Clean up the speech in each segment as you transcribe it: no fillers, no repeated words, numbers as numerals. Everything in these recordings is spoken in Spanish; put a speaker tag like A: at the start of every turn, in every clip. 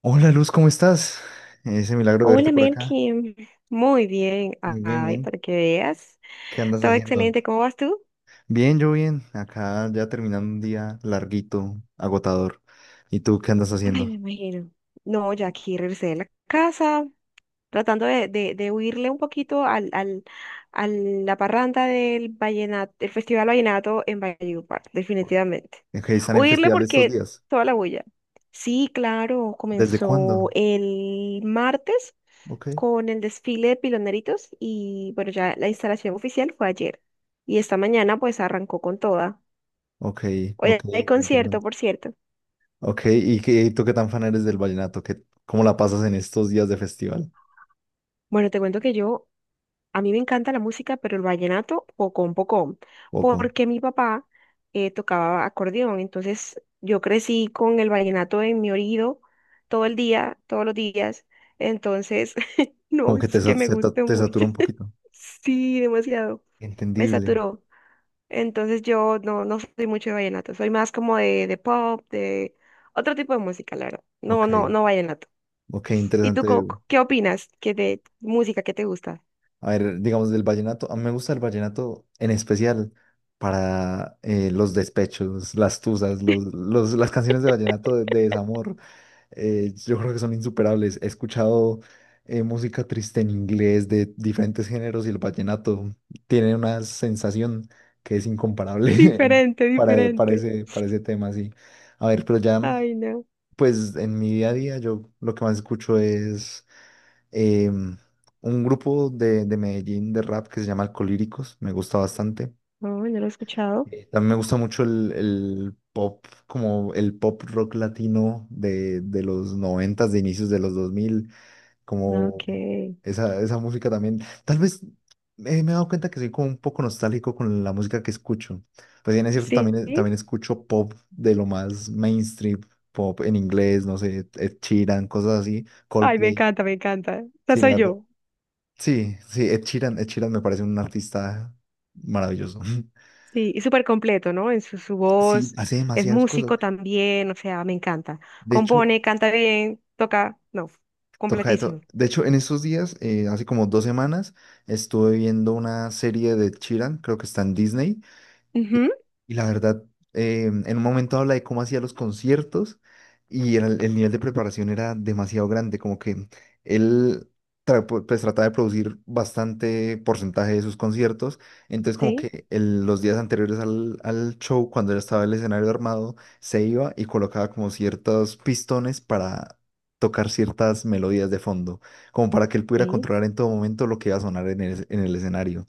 A: Hola, Luz, ¿cómo estás? Ese milagro de verte
B: Hola,
A: por acá.
B: Melkin. Muy bien.
A: Muy bien,
B: Ay,
A: bien.
B: para que veas.
A: ¿Qué andas
B: Todo
A: haciendo?
B: excelente. ¿Cómo vas tú?
A: Bien, yo bien. Acá ya terminando un día larguito, agotador. ¿Y tú qué andas
B: Ay, me
A: haciendo?
B: imagino. No, ya aquí regresé de la casa, tratando de huirle un poquito a la parranda del vallenato, del Festival Vallenato en Valledupar, definitivamente.
A: Ok, ¿están en
B: Huirle
A: festival estos
B: porque
A: días?
B: toda la bulla. Sí, claro,
A: ¿Desde
B: comenzó
A: cuándo?
B: el martes
A: Ok,
B: con el desfile de piloneritos y bueno, ya la instalación oficial fue ayer y esta mañana pues arrancó con toda.
A: ok, ok,
B: Hoy hay concierto,
A: interesante.
B: por cierto.
A: Ok, ¿y qué, tú qué tan fan eres del vallenato? ¿Qué, cómo la pasas en estos días de festival?
B: Bueno, te cuento que a mí me encanta la música, pero el vallenato, pocón, pocón,
A: Poco.
B: porque mi papá tocaba acordeón, entonces yo crecí con el vallenato en mi oído todo el día, todos los días, entonces no
A: Como que
B: es
A: te,
B: que me guste
A: te
B: mucho,
A: satura un poquito.
B: sí, demasiado, me
A: Entendible.
B: saturó. Entonces yo no soy mucho de vallenato, soy más como de pop, de otro tipo de música, la verdad. No, no,
A: Ok,
B: no vallenato.
A: ok,
B: ¿Y tú
A: interesante.
B: qué opinas que de música que te gusta?
A: A ver, digamos del vallenato, a mí me gusta el vallenato en especial para los despechos, las tusas, las canciones de vallenato de desamor. Eh, yo creo que son insuperables. He escuchado, música triste en inglés de diferentes géneros, y el vallenato tiene una sensación que es incomparable
B: Diferente, diferente.
A: para ese tema, sí. A ver, pero ya,
B: Ay, no.
A: pues en mi día a día yo lo que más escucho es un grupo de Medellín, de rap, que se llama Alcolíricos. Me gusta bastante.
B: No, no lo he escuchado.
A: También me gusta mucho el pop, como el pop rock latino de los noventas, de inicios de los dos mil,
B: No,
A: como
B: ok.
A: esa música también. Tal vez me he dado cuenta que soy como un poco nostálgico con la música que escucho. Pues bien, es cierto,
B: Sí.
A: también, también escucho pop de lo más mainstream, pop en inglés, no sé, Ed Sheeran, cosas así,
B: Ay, me
A: Coldplay.
B: encanta, me encanta. Esa
A: Sí, la
B: soy
A: verdad.
B: yo.
A: Sí, sí, Ed Sheeran, Ed Sheeran me parece un artista maravilloso.
B: Sí, y súper completo, ¿no? En su
A: Sí,
B: voz,
A: hace
B: es
A: demasiadas cosas.
B: músico también, o sea, me encanta.
A: De hecho,
B: Compone, canta bien, toca, no,
A: toca de todo.
B: completísimo.
A: De hecho, en estos días, hace como dos semanas, estuve viendo una serie de Ed Sheeran, creo que está en Disney. Y,
B: Ujú.
A: y la verdad, en un momento habla de cómo hacía los conciertos, el nivel de preparación era demasiado grande, como que él pues trataba de producir bastante porcentaje de sus conciertos. Entonces, como
B: Sí,
A: que los días anteriores al, al show, cuando ya estaba el escenario armado, se iba y colocaba como ciertos pistones para tocar ciertas melodías de fondo, como para que él pudiera
B: sí.
A: controlar en todo momento lo que iba a sonar en el escenario,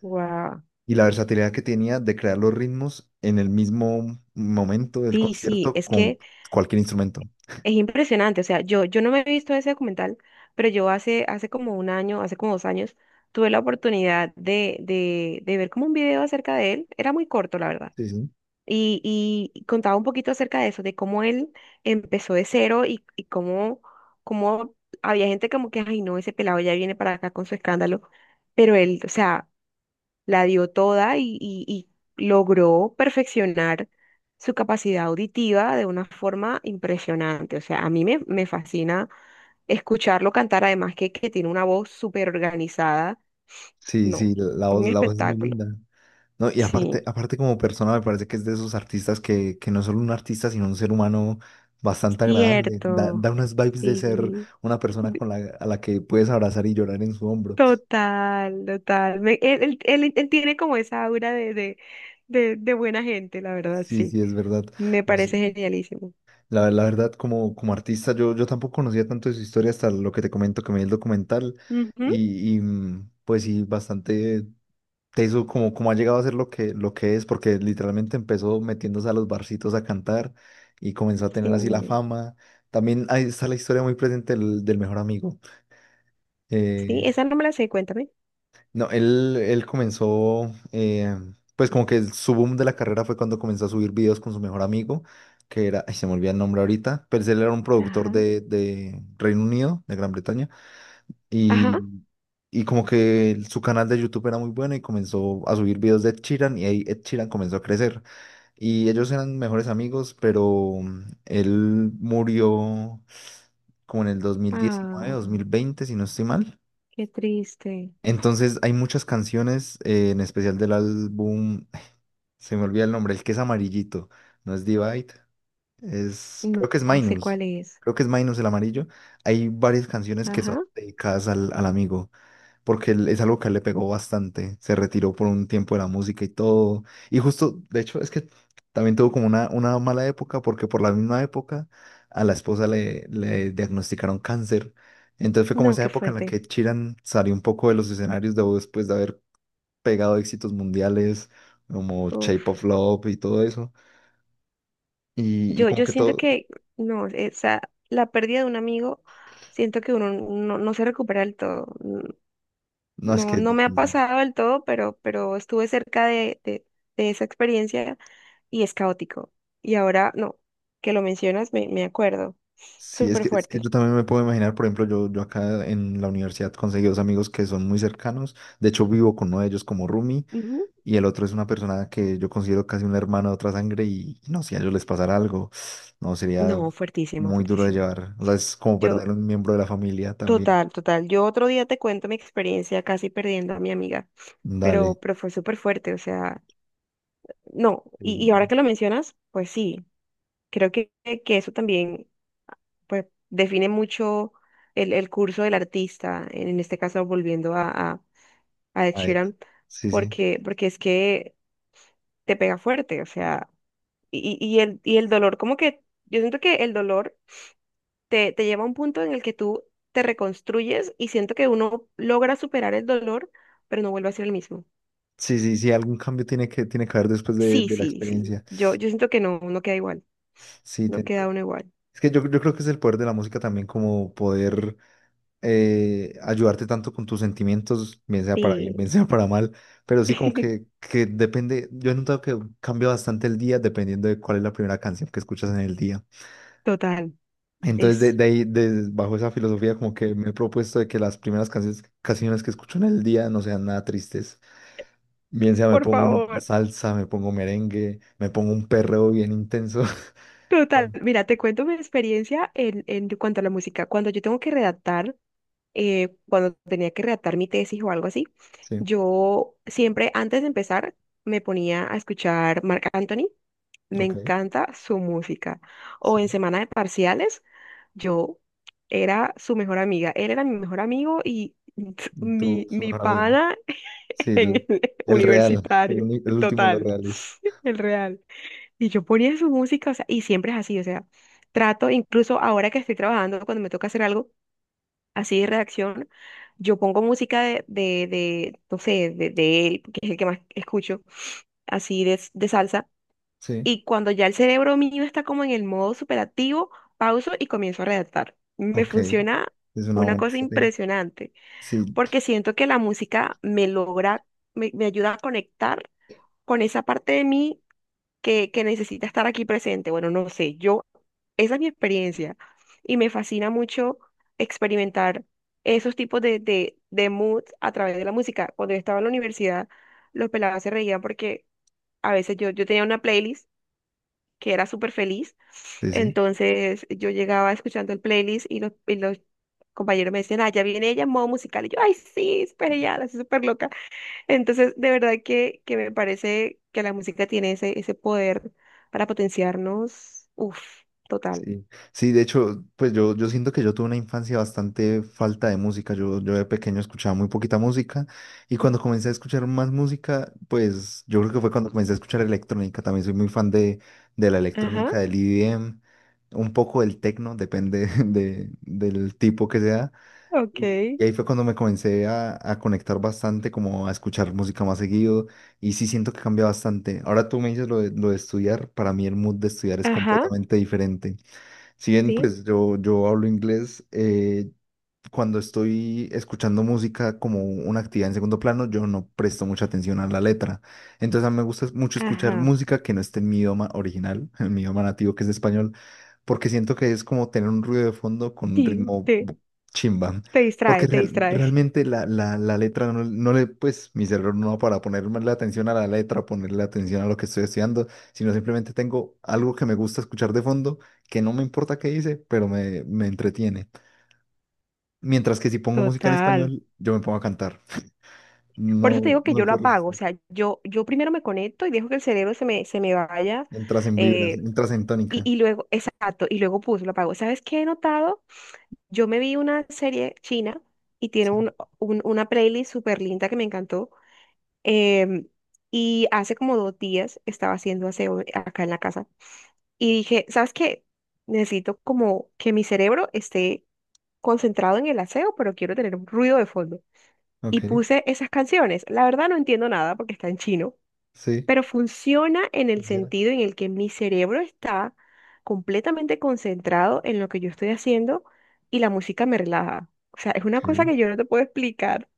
B: Wow.
A: y la versatilidad que tenía de crear los ritmos en el mismo momento del
B: Sí, sí,
A: concierto
B: es
A: con
B: que
A: cualquier instrumento.
B: es impresionante. O sea, yo no me he visto ese documental, pero yo hace como un año, hace como dos años, tuve la oportunidad de ver como un video acerca de él. Era muy corto, la verdad.
A: Sí, sí.
B: Y, y contaba un poquito acerca de eso, de cómo él empezó de cero y cómo había gente como que, ay, no, ese pelado ya viene para acá con su escándalo. Pero él, o sea, la dio toda y logró perfeccionar su capacidad auditiva de una forma impresionante. O sea, a mí me fascina escucharlo cantar, además que tiene una voz súper organizada.
A: Sí,
B: No,
A: sí,
B: un
A: la voz es muy
B: espectáculo.
A: linda. No, y aparte,
B: Sí,
A: aparte como persona me parece que es de esos artistas que no es solo un artista, sino un ser humano bastante agradable. Da,
B: cierto.
A: da unas vibes de ser
B: Sí,
A: una persona
B: d-
A: con la, a la que puedes abrazar y llorar en su hombro.
B: total, total. Él tiene como esa aura de buena gente, la verdad,
A: Sí,
B: sí.
A: sí, es verdad.
B: Me
A: No,
B: parece
A: sí,
B: genialísimo.
A: la verdad, como, como artista, yo tampoco conocía tanto de su historia hasta lo que te comento, que me vi el documental.
B: Ujú.
A: Y, y, pues sí, bastante teso como, como ha llegado a ser lo que es, porque literalmente empezó metiéndose a los barcitos a cantar y comenzó a
B: Sí.
A: tener así la fama. También ahí está la historia muy presente del, del mejor amigo.
B: Sí,
A: eh,
B: esa no me la sé, cuéntame.
A: no, él comenzó, pues como que su boom de la carrera fue cuando comenzó a subir videos con su mejor amigo, que era, ay, se me olvida el nombre ahorita, pero él era un productor
B: Ajá,
A: de Reino Unido, de Gran Bretaña.
B: ajá.
A: Y, y como que su canal de YouTube era muy bueno y comenzó a subir videos de Ed Sheeran, y ahí Ed Sheeran comenzó a crecer. Y ellos eran mejores amigos, pero él murió como en el 2019, dos
B: Ah,
A: mil veinte si no estoy mal.
B: qué triste.
A: Entonces hay muchas canciones, en especial del álbum, se me olvida el nombre, el que es amarillito, no es Divide, es,
B: No,
A: creo que es
B: no sé
A: Minus,
B: cuál es.
A: creo que es Minus el amarillo. Hay varias canciones que son
B: Ajá.
A: dedicadas al, al amigo, porque es algo que a él le pegó bastante. Se retiró por un tiempo de la música y todo. Y justo, de hecho, es que también tuvo como una mala época, porque por la misma época a la esposa le, le diagnosticaron cáncer. Entonces fue como
B: No,
A: esa
B: qué
A: época en la
B: fuerte.
A: que Chiran salió un poco de los escenarios después de haber pegado éxitos mundiales como
B: Uf.
A: Shape of Love y todo eso. Y
B: Yo,
A: como
B: yo
A: que
B: siento
A: todo,
B: que, no, esa, la pérdida de un amigo, siento que uno no se recupera del todo.
A: no, es que
B: No,
A: es
B: no me ha
A: difícil.
B: pasado del todo, pero estuve cerca de esa experiencia y es caótico. Y ahora, no, que lo mencionas, me acuerdo.
A: Sí,
B: Súper
A: es que
B: fuerte.
A: yo también me puedo imaginar. Por ejemplo, yo acá en la universidad conseguí dos amigos que son muy cercanos, de hecho vivo con uno de ellos como roomie,
B: Ujú.
A: y el otro es una persona que yo considero casi un hermano de otra sangre, y no, si a ellos les pasara algo, no, sería
B: No, fuertísimo,
A: muy duro de
B: fuertísimo.
A: llevar. O sea, es como
B: Yo,
A: perder un miembro de la familia también.
B: Total, total. Yo otro día te cuento mi experiencia casi perdiendo a mi amiga, pero,
A: Dale.
B: pero fue súper fuerte, o sea, no, y ahora
A: Sí,
B: que lo mencionas, pues sí, creo que eso también pues, define mucho el curso del artista, en este caso volviendo a Ed
A: a ver.
B: Sheeran,
A: Sí. Sí,
B: porque es que te pega fuerte, o sea, y el dolor, como que yo siento que el dolor te lleva a un punto en el que tú te reconstruyes y siento que uno logra superar el dolor, pero no vuelve a ser el mismo.
A: sí, sí, sí, algún cambio tiene que haber después
B: Sí,
A: de la
B: sí, sí.
A: experiencia.
B: Yo siento que no queda igual,
A: Sí, te
B: no queda
A: entiendo.
B: uno igual.
A: Es que yo creo que es el poder de la música también, como poder ayudarte tanto con tus sentimientos, bien sea para bien,
B: Sí,
A: bien sea para mal, pero sí, como que depende. Yo he notado que cambia bastante el día dependiendo de cuál es la primera canción que escuchas en el día.
B: total.
A: Entonces,
B: Es,
A: de ahí, bajo esa filosofía, como que me he propuesto de que las primeras canciones, canciones que escucho en el día no sean nada tristes. Bien sea me
B: por
A: pongo una
B: favor,
A: salsa, me pongo merengue, me pongo un perreo bien intenso.
B: total.
A: Bueno,
B: Mira, te cuento mi experiencia en cuanto a la música. Cuando yo tengo que redactar, cuando tenía que redactar mi tesis o algo así,
A: sí,
B: yo siempre antes de empezar me ponía a escuchar Marc Anthony. Me
A: ok,
B: encanta su música. O en
A: sí.
B: semana de parciales, yo era su mejor amiga. Él era mi mejor amigo y
A: Y tú,
B: mi,
A: su
B: mi
A: mejor amigo.
B: pana
A: Sí,
B: en el
A: el real, el,
B: universitario,
A: el último de los
B: total,
A: reales.
B: el real. Y yo ponía su música, o sea, y siempre es así, o sea, trato, incluso ahora que estoy trabajando, cuando me toca hacer algo así de redacción, yo pongo música no sé, de él, que es el que más escucho, así de salsa.
A: Sí,
B: Y cuando ya el cerebro mío está como en el modo superactivo, pauso y comienzo a redactar. Me
A: ok,
B: funciona
A: es una
B: una
A: buena
B: cosa
A: estrategia.
B: impresionante,
A: Sí,
B: porque siento que la música me ayuda a conectar con esa parte de mí que necesita estar aquí presente. Bueno, no sé, esa es mi experiencia y me fascina mucho experimentar esos tipos de moods a través de la música. Cuando yo estaba en la universidad, los pelados se reían porque a veces yo tenía una playlist que era súper feliz,
A: sí, sí,
B: entonces yo llegaba escuchando el playlist y los, compañeros me decían, ah, ya viene ella en modo musical. Y yo, ay, sí, espere ya, la estoy súper loca. Entonces, de verdad que me parece que la música tiene ese poder para potenciarnos. Uf, total.
A: sí. Sí, de hecho, pues yo siento que yo tuve una infancia bastante falta de música. Yo de pequeño escuchaba muy poquita música, y cuando comencé a escuchar más música, pues yo creo que fue cuando comencé a escuchar electrónica. También soy muy fan de la
B: Ajá,
A: electrónica, del EDM, un poco del techno, depende de, del tipo que sea.
B: ok.
A: Y ahí fue cuando me comencé a conectar bastante, como a escuchar música más seguido, y sí siento que cambia bastante. Ahora tú me dices lo de estudiar, para mí el mood de estudiar es
B: Ajá,
A: completamente diferente. Si bien
B: sí,
A: pues yo hablo inglés, cuando estoy escuchando música como una actividad en segundo plano, yo no presto mucha atención a la letra. Entonces a mí me gusta mucho escuchar
B: ajá.
A: música que no esté en mi idioma original, en mi idioma nativo, que es español, porque siento que es como tener un ruido de fondo con un
B: Sí,
A: ritmo
B: te,
A: chimba.
B: te distrae,
A: Porque
B: te distrae.
A: realmente la, la, la letra no, no le, pues mi cerebro no va para ponerme la atención a la letra, ponerle atención a lo que estoy estudiando, sino simplemente tengo algo que me gusta escuchar de fondo, que no me importa qué dice, pero me entretiene. Mientras que si pongo música en
B: Total.
A: español, yo me pongo a cantar.
B: Por eso te
A: No,
B: digo que
A: no
B: yo
A: me
B: lo
A: puedo
B: apago. O
A: resistir.
B: sea, yo primero me conecto y dejo que el cerebro se me vaya.
A: Entras en vibras,
B: eh,
A: entras en
B: Y,
A: tónica.
B: y luego, exacto, y luego lo apagó. ¿Sabes qué he notado? Yo me vi una serie china y tiene
A: Sí.
B: un, una playlist súper linda que me encantó. em, y hace como dos días estaba haciendo aseo, acá en la casa y dije, ¿sabes qué? Necesito como que mi cerebro esté concentrado en el aseo, pero quiero tener un ruido de fondo. Y
A: Ok,
B: puse esas canciones. La verdad no entiendo nada porque está en chino,
A: sí.
B: pero funciona en el
A: Funciona.
B: sentido en el que mi cerebro está completamente concentrado en lo que yo estoy haciendo y la música me relaja. O sea, es
A: Ok,
B: una cosa que yo no te puedo explicar,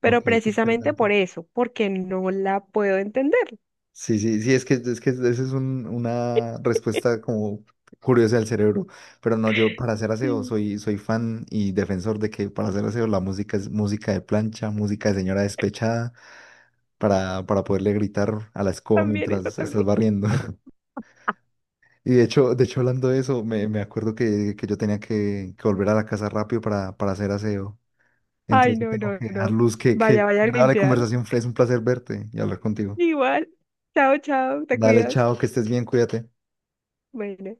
B: pero
A: ok, qué
B: precisamente
A: interesante.
B: por eso, porque no la puedo entender.
A: Sí, sí, sí, es que esa es una respuesta como curiosa del cerebro. Pero no, yo para hacer aseo
B: Sí,
A: soy, soy fan y defensor de que para hacer aseo la música es música de plancha, música de señora despechada, para poderle gritar a la escoba
B: también, eso
A: mientras estás
B: también.
A: barriendo. Y de hecho hablando de eso, me acuerdo que yo tenía que volver a la casa rápido para hacer aseo.
B: Ay,
A: Entonces
B: no,
A: tengo
B: no,
A: que dar
B: no.
A: luz,
B: Vaya,
A: que
B: vaya a
A: agradable
B: limpiar.
A: conversación fue. Es un placer verte y hablar contigo.
B: Igual. Chao, chao, te
A: Dale,
B: cuidas.
A: chao, que estés bien, cuídate.
B: Bueno.